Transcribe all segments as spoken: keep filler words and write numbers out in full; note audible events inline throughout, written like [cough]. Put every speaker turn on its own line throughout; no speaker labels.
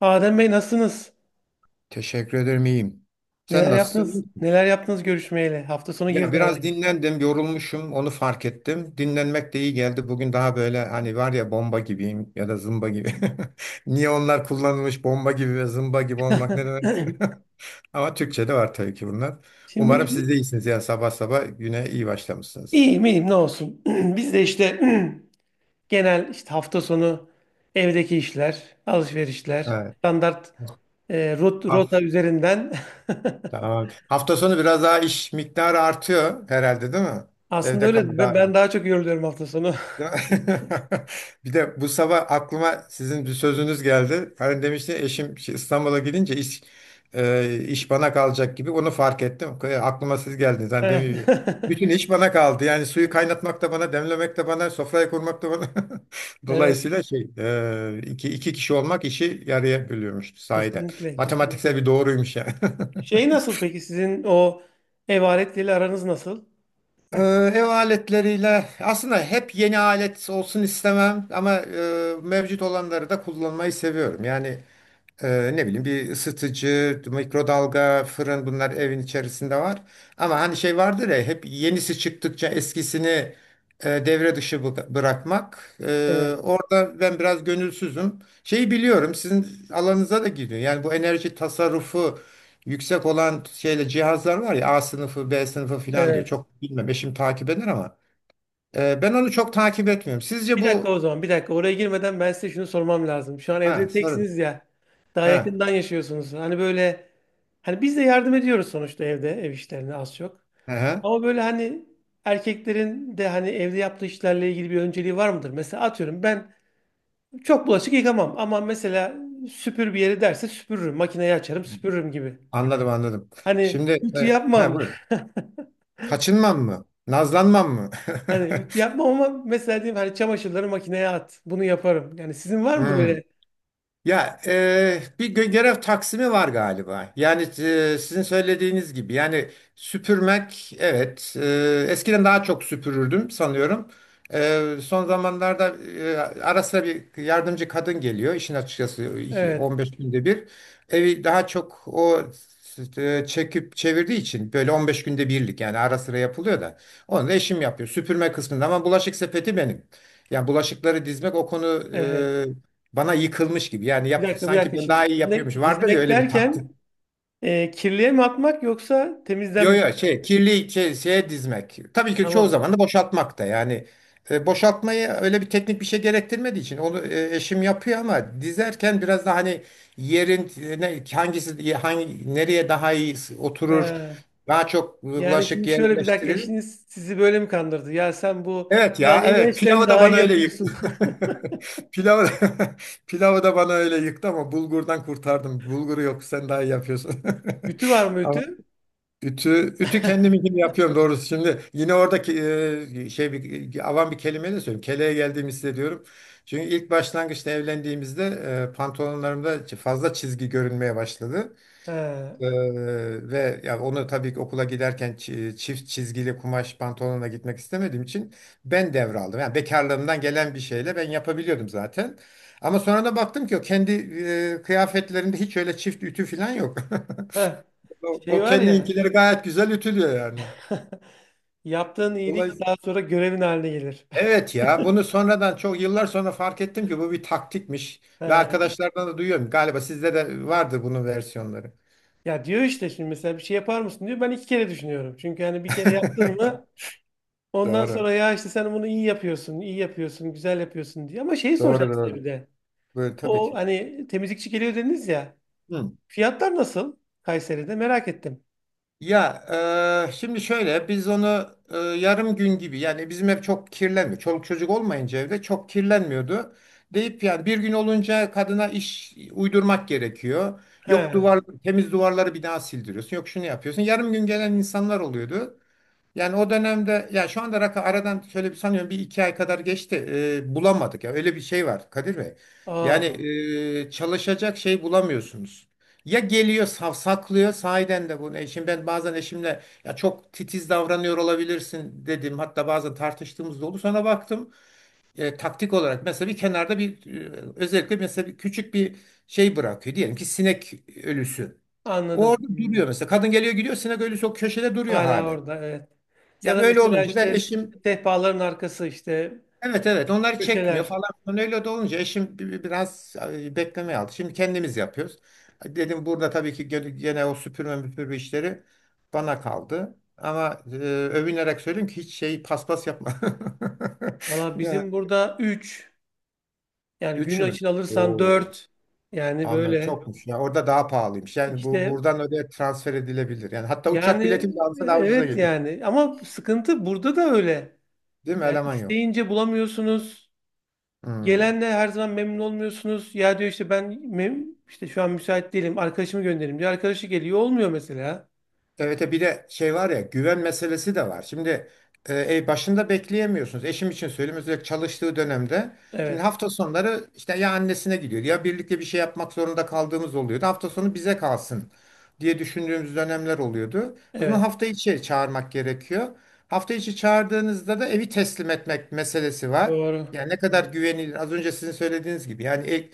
Adem Bey, nasılsınız?
Teşekkür ederim, iyiyim. Sen
Neler
nasılsın? İyi
yaptınız?
misin?
Neler yaptınız görüşmeyle? Hafta sonu
Ya
girdi
biraz
araya.
dinlendim, yorulmuşum, onu fark ettim. Dinlenmek de iyi geldi. Bugün daha böyle hani var ya bomba gibiyim ya da zımba gibi. [laughs] Niye onlar kullanılmış bomba gibi ve zımba gibi olmak ne demekse.
[clears throat]
[laughs] Ama Türkçe'de var tabii ki bunlar.
Şimdi
Umarım siz de iyisiniz ya sabah sabah güne iyi başlamışsınız.
iyiyim, iyiyim, ne olsun. [clears throat] Biz de işte [clears throat] genel işte hafta sonu evdeki işler, alışverişler,
Evet.
standart e, rot, rota
Haf-
üzerinden. [laughs]
tamam. Hafta sonu biraz daha iş miktarı artıyor herhalde, değil mi?
Aslında
Evde kalın
öyle ben,
daha.
ben daha çok yoruluyorum hafta sonu. [laughs]
Ya- [laughs] Bir de bu sabah aklıma sizin bir sözünüz geldi. Hani demişti eşim, şey, İstanbul'a gidince iş e, iş bana kalacak gibi onu fark ettim. E, Aklıma siz geldiniz. Hani
Evet.
demin- Bütün
[laughs]
iş bana kaldı. Yani suyu kaynatmak da bana, demlemek de bana, sofrayı kurmak da bana. [laughs]
Evet,
Dolayısıyla şey e, iki, iki kişi olmak işi yarıya bölüyormuş sahiden.
kesinlikle,
Matematiksel
kesinlikle.
bir doğruymuş yani. [laughs]
Şey, nasıl peki sizin o ev aletleriyle aranız nasıl?
Ee, Ev aletleriyle aslında hep yeni alet olsun istemem ama e, mevcut olanları da kullanmayı seviyorum. Yani ee, ne bileyim, bir ısıtıcı, mikrodalga, fırın, bunlar evin içerisinde var. Ama hani şey vardır ya, hep yenisi çıktıkça eskisini e, devre dışı bı- bırakmak. Ee,
Evet,
orada ben biraz gönülsüzüm. Şeyi biliyorum, sizin alanınıza da giriyor. Yani bu enerji tasarrufu yüksek olan şeyle cihazlar var ya, A sınıfı, B sınıfı filan diyor.
evet.
Çok bilmem, eşim takip eder ama. Ee, ben onu çok takip etmiyorum. Sizce
Bir dakika
bu...
o zaman, bir dakika. Oraya girmeden ben size şunu sormam lazım. Şu an
Ha,
evde
sorun.
teksiniz ya. Daha
Ha.
yakından yaşıyorsunuz. Hani böyle, hani biz de yardım ediyoruz sonuçta evde ev işlerine az çok.
Hı hı.
Ama böyle hani erkeklerin de hani evde yaptığı işlerle ilgili bir önceliği var mıdır? Mesela atıyorum ben çok bulaşık yıkamam ama mesela süpür bir yeri derse süpürürüm. Makineyi açarım, süpürürüm gibi.
Anladım, anladım.
Hani
Şimdi,
ütü
e, ha,
yapmam.
buyur.
[laughs]
Kaçınmam mı? Nazlanmam mı?
Hani ütü
[laughs]
yapmam ama mesela diyeyim hani çamaşırları makineye at. Bunu yaparım. Yani sizin var mı böyle?
Hmm. Ya, e, bir gö- görev taksimi var galiba. Yani, e, sizin söylediğiniz gibi yani, süpürmek, evet, e, eskiden daha çok süpürürdüm sanıyorum. E, son zamanlarda e, ara sıra bir yardımcı kadın geliyor işin açıkçası, iki-
Evet.
on beş günde bir. Evi daha çok o e, çekip çevirdiği için, böyle on beş günde birlik, yani ara sıra yapılıyor da, onu da eşim yapıyor süpürme kısmında, ama bulaşık sepeti benim. Yani bulaşıkları dizmek o konu
Evet.
bana yıkılmış gibi. Yani
Bir
yap,
dakika, bir
sanki
dakika
ben
şimdi.
daha iyi yapıyormuş.
Dizmek,
Vardır ya
dizmek
öyle bir taktik.
derken e, kirliye mi atmak yoksa temizden
Yo,
mi?
yo, şey, kirli şey, şeye dizmek. Tabii ki çoğu
Tamam.
zaman da boşaltmak da yani, e, boşaltmayı öyle bir teknik bir şey gerektirmediği için onu e, eşim yapıyor, ama dizerken biraz da hani, yerin e, ne, hangisi hangi nereye daha iyi oturur,
He.
daha çok
Yani
bulaşık
şimdi şöyle, bir dakika,
yerleştirilir.
eşiniz sizi böyle mi kandırdı? Ya sen bu
Evet ya,
planlama
evet,
işlerini
pilavı da
daha
bana
iyi
öyle yıktı.
yapıyorsun.
[laughs] Pilavı, [laughs] pilavı da bana öyle yıktı, ama bulgurdan kurtardım. Bulguru yok, sen daha iyi yapıyorsun.
[laughs] Ütü var mı
[laughs] Ama
ütü?
ütü, ütü kendim için
[laughs]
yapıyorum doğrusu. Şimdi yine oradaki e, şey, bir, e, avam bir kelime de söyleyeyim, keleğe geldiğimi hissediyorum. Çünkü ilk başlangıçta evlendiğimizde e, pantolonlarımda fazla çizgi görünmeye başladı.
He.
Ee, ve ya onu tabii ki okula giderken çi- çift çizgili kumaş pantolonla gitmek istemediğim için ben devraldım. Yani bekarlığımdan gelen bir şeyle ben yapabiliyordum zaten. Ama sonra da baktım ki o kendi e, kıyafetlerinde hiç öyle çift ütü falan yok. [laughs]
Heh.
O,
Şey
o
var ya,
kendinkileri gayet güzel ütülüyor yani.
[laughs] yaptığın iyilik
Dolayısıyla,
daha sonra görevin haline gelir.
evet ya, bunu sonradan, çok yıllar sonra fark ettim ki bu bir taktikmiş,
[laughs]
ve
He.
arkadaşlardan da duyuyorum. Galiba sizde de vardır bunun versiyonları.
Ya diyor işte şimdi mesela bir şey yapar mısın diyor. Ben iki kere düşünüyorum. Çünkü hani bir kere yaptın
[laughs]
mı, ondan
Doğru.
sonra ya işte sen bunu iyi yapıyorsun, iyi yapıyorsun, güzel yapıyorsun diye. Ama şeyi
Doğru,
soracağım size bir
doğru.
de.
Böyle tabii
O
ki.
hani temizlikçi geliyor dediniz ya.
Hı.
Fiyatlar nasıl Kayseri'de? Merak ettim.
Ya, e, şimdi şöyle, biz onu e, yarım gün gibi, yani bizim ev çok kirlenmiyor. Çoluk çocuk olmayınca evde çok kirlenmiyordu. Deyip yani, bir gün olunca kadına iş uydurmak gerekiyor. Yok
He.
duvar temiz, duvarları bir daha sildiriyorsun. Yok şunu yapıyorsun. Yarım gün gelen insanlar oluyordu. Yani o dönemde, ya, şu anda rakı aradan şöyle bir, sanıyorum bir iki ay kadar geçti. Ee, bulamadık ya, öyle bir şey var, Kadir Bey. Yani
Aa,
e, çalışacak şey bulamıyorsunuz. Ya geliyor, savsaklıyor sahiden de bunu. Eşim, ben bazen eşimle, ya, çok titiz davranıyor olabilirsin dedim. Hatta bazen tartıştığımız da oldu. Sonra baktım e, taktik olarak mesela, bir kenarda bir, e, özellikle mesela bir küçük bir şey bırakıyor. Diyelim ki sinek ölüsü. O,
anladım.
orada
Hmm.
duruyor mesela. Kadın geliyor, gidiyor, sinek ölüsü o köşede duruyor
Hala
hali.
orada, evet. Ya
Yani
da
öyle
mesela
olunca da
işte
eşim,
sehpaların arkası, işte
evet, evet, onları çekmiyor
köşeler.
falan filan. Öyle de olunca eşim bi- bi- biraz e, beklemeye aldı. Şimdi kendimiz yapıyoruz. Dedim burada tabii ki, gene gene o süpürme müpürme işleri bana kaldı. Ama e, övünerek söyleyeyim ki hiç şey, paspas yapma. [laughs]
Valla
Ya
bizim burada üç, yani gün
üç mü?
için alırsan
Oo.
dört, yani
Anladım.
böyle
Çokmuş. Ya orada daha pahalıymış. Yani bu
işte,
buradan öyle transfer edilebilir. Yani hatta uçak
yani,
bileti bile
e,
alsa daha ucuza
evet
geliyor.
yani, ama sıkıntı burada da öyle.
Değil mi?
Yani
Eleman yok.
isteyince bulamıyorsunuz.
Hmm.
Gelenle her zaman memnun olmuyorsunuz. Ya diyor işte ben mem işte şu an müsait değilim. Arkadaşımı gönderim diyor. Arkadaşı geliyor, olmuyor mesela.
Evet, e bir de şey var ya, güven meselesi de var. Şimdi e, e, başında bekleyemiyorsunuz. Eşim için söyleyeyim, özellikle çalıştığı dönemde. Şimdi
Evet.
hafta sonları işte ya annesine gidiyordu, ya birlikte bir şey yapmak zorunda kaldığımız oluyordu. Hafta sonu bize kalsın diye düşündüğümüz dönemler oluyordu. O zaman
Evet.
hafta içi çağırmak gerekiyor. Hafta içi çağırdığınızda da evi teslim etmek meselesi var.
Doğru.
Yani ne kadar
Doğru.
güvenilir, az önce sizin söylediğiniz gibi yani, e-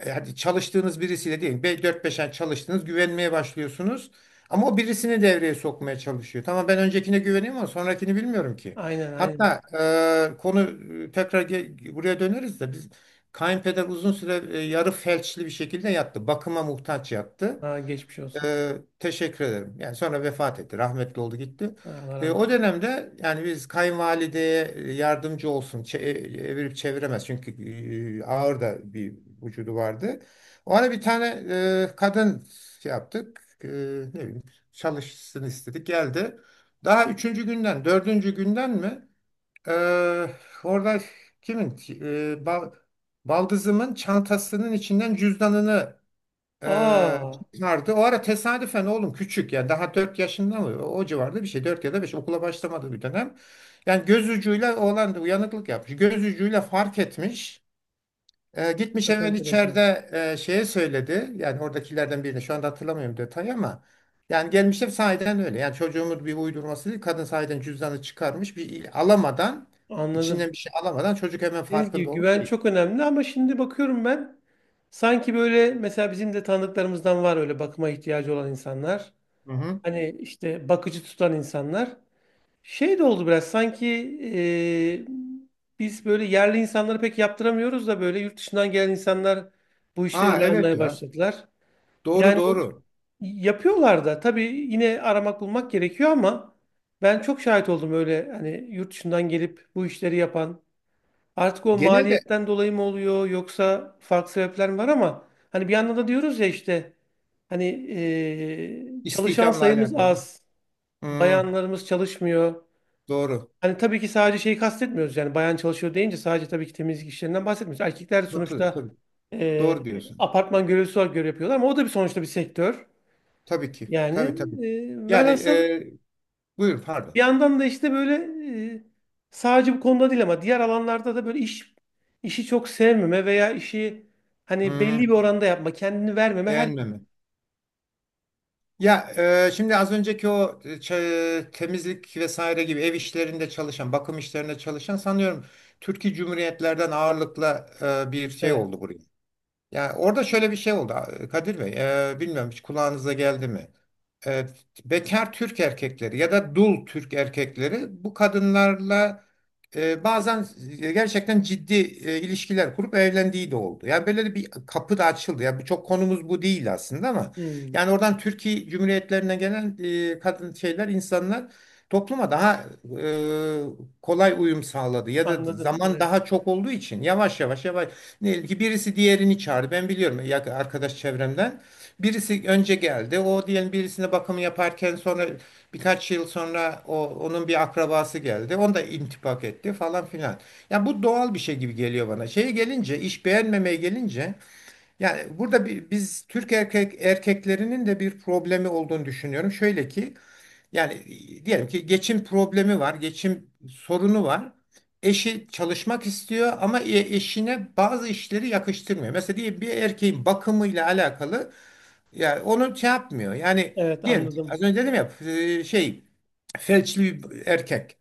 e, hadi çalıştığınız birisiyle değil, dört beş ay çalıştınız, güvenmeye başlıyorsunuz. Ama o birisini devreye sokmaya çalışıyor. Tamam, ben öncekine güveniyorum ama sonrakini bilmiyorum ki.
Aynen, aynen.
Hatta e, konu e, tekrar ge- buraya döneriz de, biz, kayınpeder uzun süre e, yarı felçli bir şekilde yattı. Bakıma muhtaç yattı.
Aa, geçmiş olsun.
Ee, teşekkür ederim. Yani sonra vefat etti. Rahmetli oldu, gitti.
Ha, Allah
Ee,
rahmet
o
eylesin.
dönemde yani, biz kayınvalideye yardımcı olsun, çe- Evirip çeviremez. Çünkü e, ağır da bir vücudu vardı. Ona bir tane e, kadın şey yaptık. E, ne bileyim, çalışsın istedik. Geldi. Daha üçüncü günden, dördüncü günden mi? e, orada kimin? E, bal, baldızımın çantasının içinden cüzdanını ee,
Aa,
çıkardı. O ara tesadüfen oğlum küçük, yani daha dört yaşında mı o civarda bir şey, dört ya da beş, okula başlamadı bir dönem. Yani göz ucuyla oğlan da uyanıklık yapmış. Göz ucuyla fark etmiş. Ee, gitmiş
çok
hemen
enteresan.
içeride e, şeye söyledi. Yani oradakilerden birine, şu anda hatırlamıyorum detayı ama, yani gelmişler sahiden öyle. Yani çocuğumuz bir uydurması değil. Kadın sahiden cüzdanı çıkarmış. Bir il- alamadan,
Anladım.
içinden bir şey alamadan, çocuk hemen
Dediğiniz gibi
farkında olmuş.
güven
Şey.
çok önemli ama şimdi bakıyorum ben, sanki böyle mesela bizim de tanıdıklarımızdan var öyle bakıma ihtiyacı olan insanlar.
Hı hı.
Hani işte bakıcı tutan insanlar. Şey de oldu biraz sanki eee, biz böyle yerli insanları pek yaptıramıyoruz da böyle yurt dışından gelen insanlar bu işleri
Ha,
ele
evet
almaya
ya.
başladılar.
Doğru,
Yani
doğru.
yapıyorlar da tabii, yine aramak bulmak gerekiyor ama ben çok şahit oldum öyle, hani yurt dışından gelip bu işleri yapan. Artık o
Genelde
maliyetten dolayı mı oluyor yoksa farklı sebepler mi var, ama hani bir yandan da diyoruz ya işte hani eee, çalışan
İstihdamla
sayımız
alakalı.
az,
Hmm,
bayanlarımız çalışmıyor.
doğru.
Hani tabii ki sadece şeyi kastetmiyoruz, yani bayan çalışıyor deyince sadece tabii ki temizlik işlerinden bahsetmiyoruz. Erkekler
Katılıyorum
sonuçta
tabii.
e,
Doğru diyorsunuz.
apartman görevlisi olarak görev yapıyorlar ama o da bir sonuçta bir sektör.
Tabii ki.
Yani,
Tabii, tabii.
e,
Yani,
velhasıl
e, buyurun,
bir
pardon.
yandan da işte böyle, e, sadece bu konuda değil ama diğer alanlarda da böyle iş işi çok sevmeme veya işi hani belli bir
Hmm,
oranda yapma, kendini vermeme her
beğenmeme. Ya, e, şimdi az önceki o, e, ç- temizlik vesaire gibi ev işlerinde çalışan, bakım işlerinde çalışan, sanıyorum Türkiye Cumhuriyetlerden ağırlıkla e, bir şey
Evet.
oldu buraya. Yani orada şöyle bir şey oldu, Kadir Bey. E, bilmiyorum, hiç kulağınıza geldi mi? E, bekar Türk erkekleri ya da dul Türk erkekleri bu kadınlarla e, bazen gerçekten ciddi e, ilişkiler kurup evlendiği de oldu. Yani böyle bir kapı da açıldı. Yani bu çok, konumuz bu değil aslında ama,
Hmm,
yani oradan Türkiye Cumhuriyetlerine gelen e, kadın şeyler, insanlar topluma daha e, kolay uyum sağladı, ya da
anladım.
zaman
Evet.
daha çok olduğu için yavaş yavaş yavaş. Diyelim ki birisi diğerini çağırdı. Ben biliyorum ya arkadaş çevremden. Birisi önce geldi. O diyelim birisine bakımı yaparken, sonra birkaç yıl sonra o, onun bir akrabası geldi. Onu da intibak etti falan filan. Yani bu doğal bir şey gibi geliyor bana. Şeye gelince, iş beğenmemeye gelince, yani burada bir, biz Türk erkek erkeklerinin de bir problemi olduğunu düşünüyorum. Şöyle ki yani, e, diyelim ki geçim problemi var, geçim sorunu var. Eşi çalışmak istiyor ama e- eşine bazı işleri yakıştırmıyor. Mesela diyelim bir erkeğin bakımıyla alakalı, yani onu şey yapmıyor. Yani
Evet,
diyelim ki
anladım.
az önce dedim ya, e, şey, felçli bir erkek.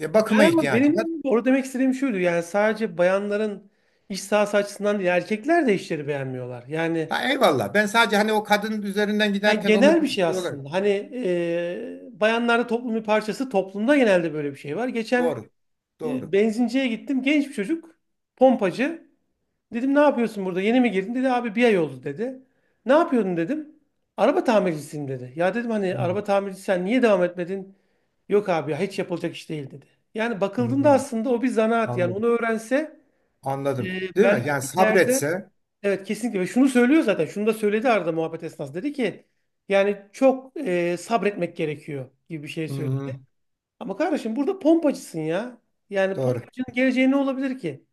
E, Bakıma
Yani ama
ihtiyacı var.
benim orada demek istediğim şuydu. Yani sadece bayanların iş sahası açısından değil, erkekler de işleri beğenmiyorlar. Yani,
Ha, eyvallah. Ben sadece hani o kadın üzerinden
yani
giderken onu
genel bir
bir
şey
şey olarak.
aslında. Hani e, bayanlarda toplumun bir parçası, toplumda genelde böyle bir şey var. Geçen
Doğru.
e,
Doğru.
benzinciye gittim. Genç bir çocuk, pompacı. Dedim ne yapıyorsun burada? Yeni mi girdin? Dedi abi bir ay oldu dedi. Ne yapıyordun dedim. Araba tamircisiyim dedi. Ya dedim hani
Hmm,
araba tamircisi, sen niye devam etmedin? Yok abi ya hiç yapılacak iş değil dedi. Yani bakıldığında
hmm,
aslında o bir zanaat. Yani
Anladım.
onu öğrense, e,
Anladım. Değil mi?
belki
Yani
ileride,
sabretse.
evet, kesinlikle. Ve şunu söylüyor zaten. Şunu da söyledi arada muhabbet esnasında. Dedi ki yani çok e, sabretmek gerekiyor gibi bir şey
Hmm,
söyledi. Ama kardeşim burada pompacısın ya. Yani
doğru.
pompacının geleceği ne olabilir ki?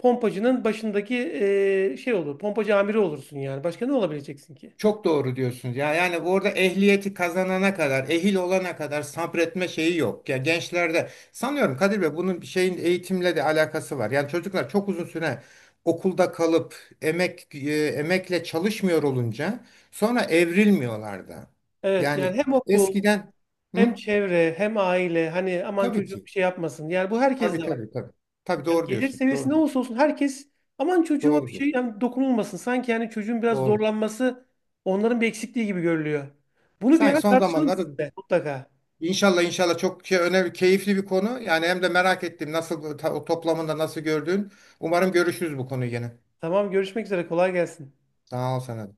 Pompacının başındaki eee, şey olur. Pompacı amiri olursun yani. Başka ne olabileceksin ki?
Çok doğru diyorsunuz. Ya yani orada ehliyeti kazanana kadar, ehil olana kadar sabretme şeyi yok. Ya gençlerde sanıyorum Kadir Bey, bunun bir şeyin eğitimle de alakası var. Yani çocuklar çok uzun süre okulda kalıp, emek e, emekle çalışmıyor olunca, sonra evrilmiyorlar da.
Evet,
Yani
yani hem okul,
eskiden. Hı?
hem çevre, hem aile, hani aman
Tabii
çocuğum
ki.
bir şey yapmasın. Yani bu herkes
Tabii,
de var.
tabii, tabii. Tabii,
Yani
doğru
gelir
diyorsun.
seviyesi ne
Doğru.
olursa olsun herkes, aman çocuğuma bir
Doğru
şey
diyorsun.
yani dokunulmasın. Sanki yani çocuğun biraz
Doğru.
zorlanması onların bir eksikliği gibi görülüyor. Bunu bir
Sanki
ara
son
tartışalım
zamanlarda.
sizinle mutlaka.
İnşallah, inşallah, çok ke- önemli, keyifli bir konu. Yani hem de merak ettim nasıl, ta- o toplamında nasıl gördüğün. Umarım görüşürüz bu konuyu yine.
Tamam, görüşmek üzere, kolay gelsin.
Sağ ol sana da.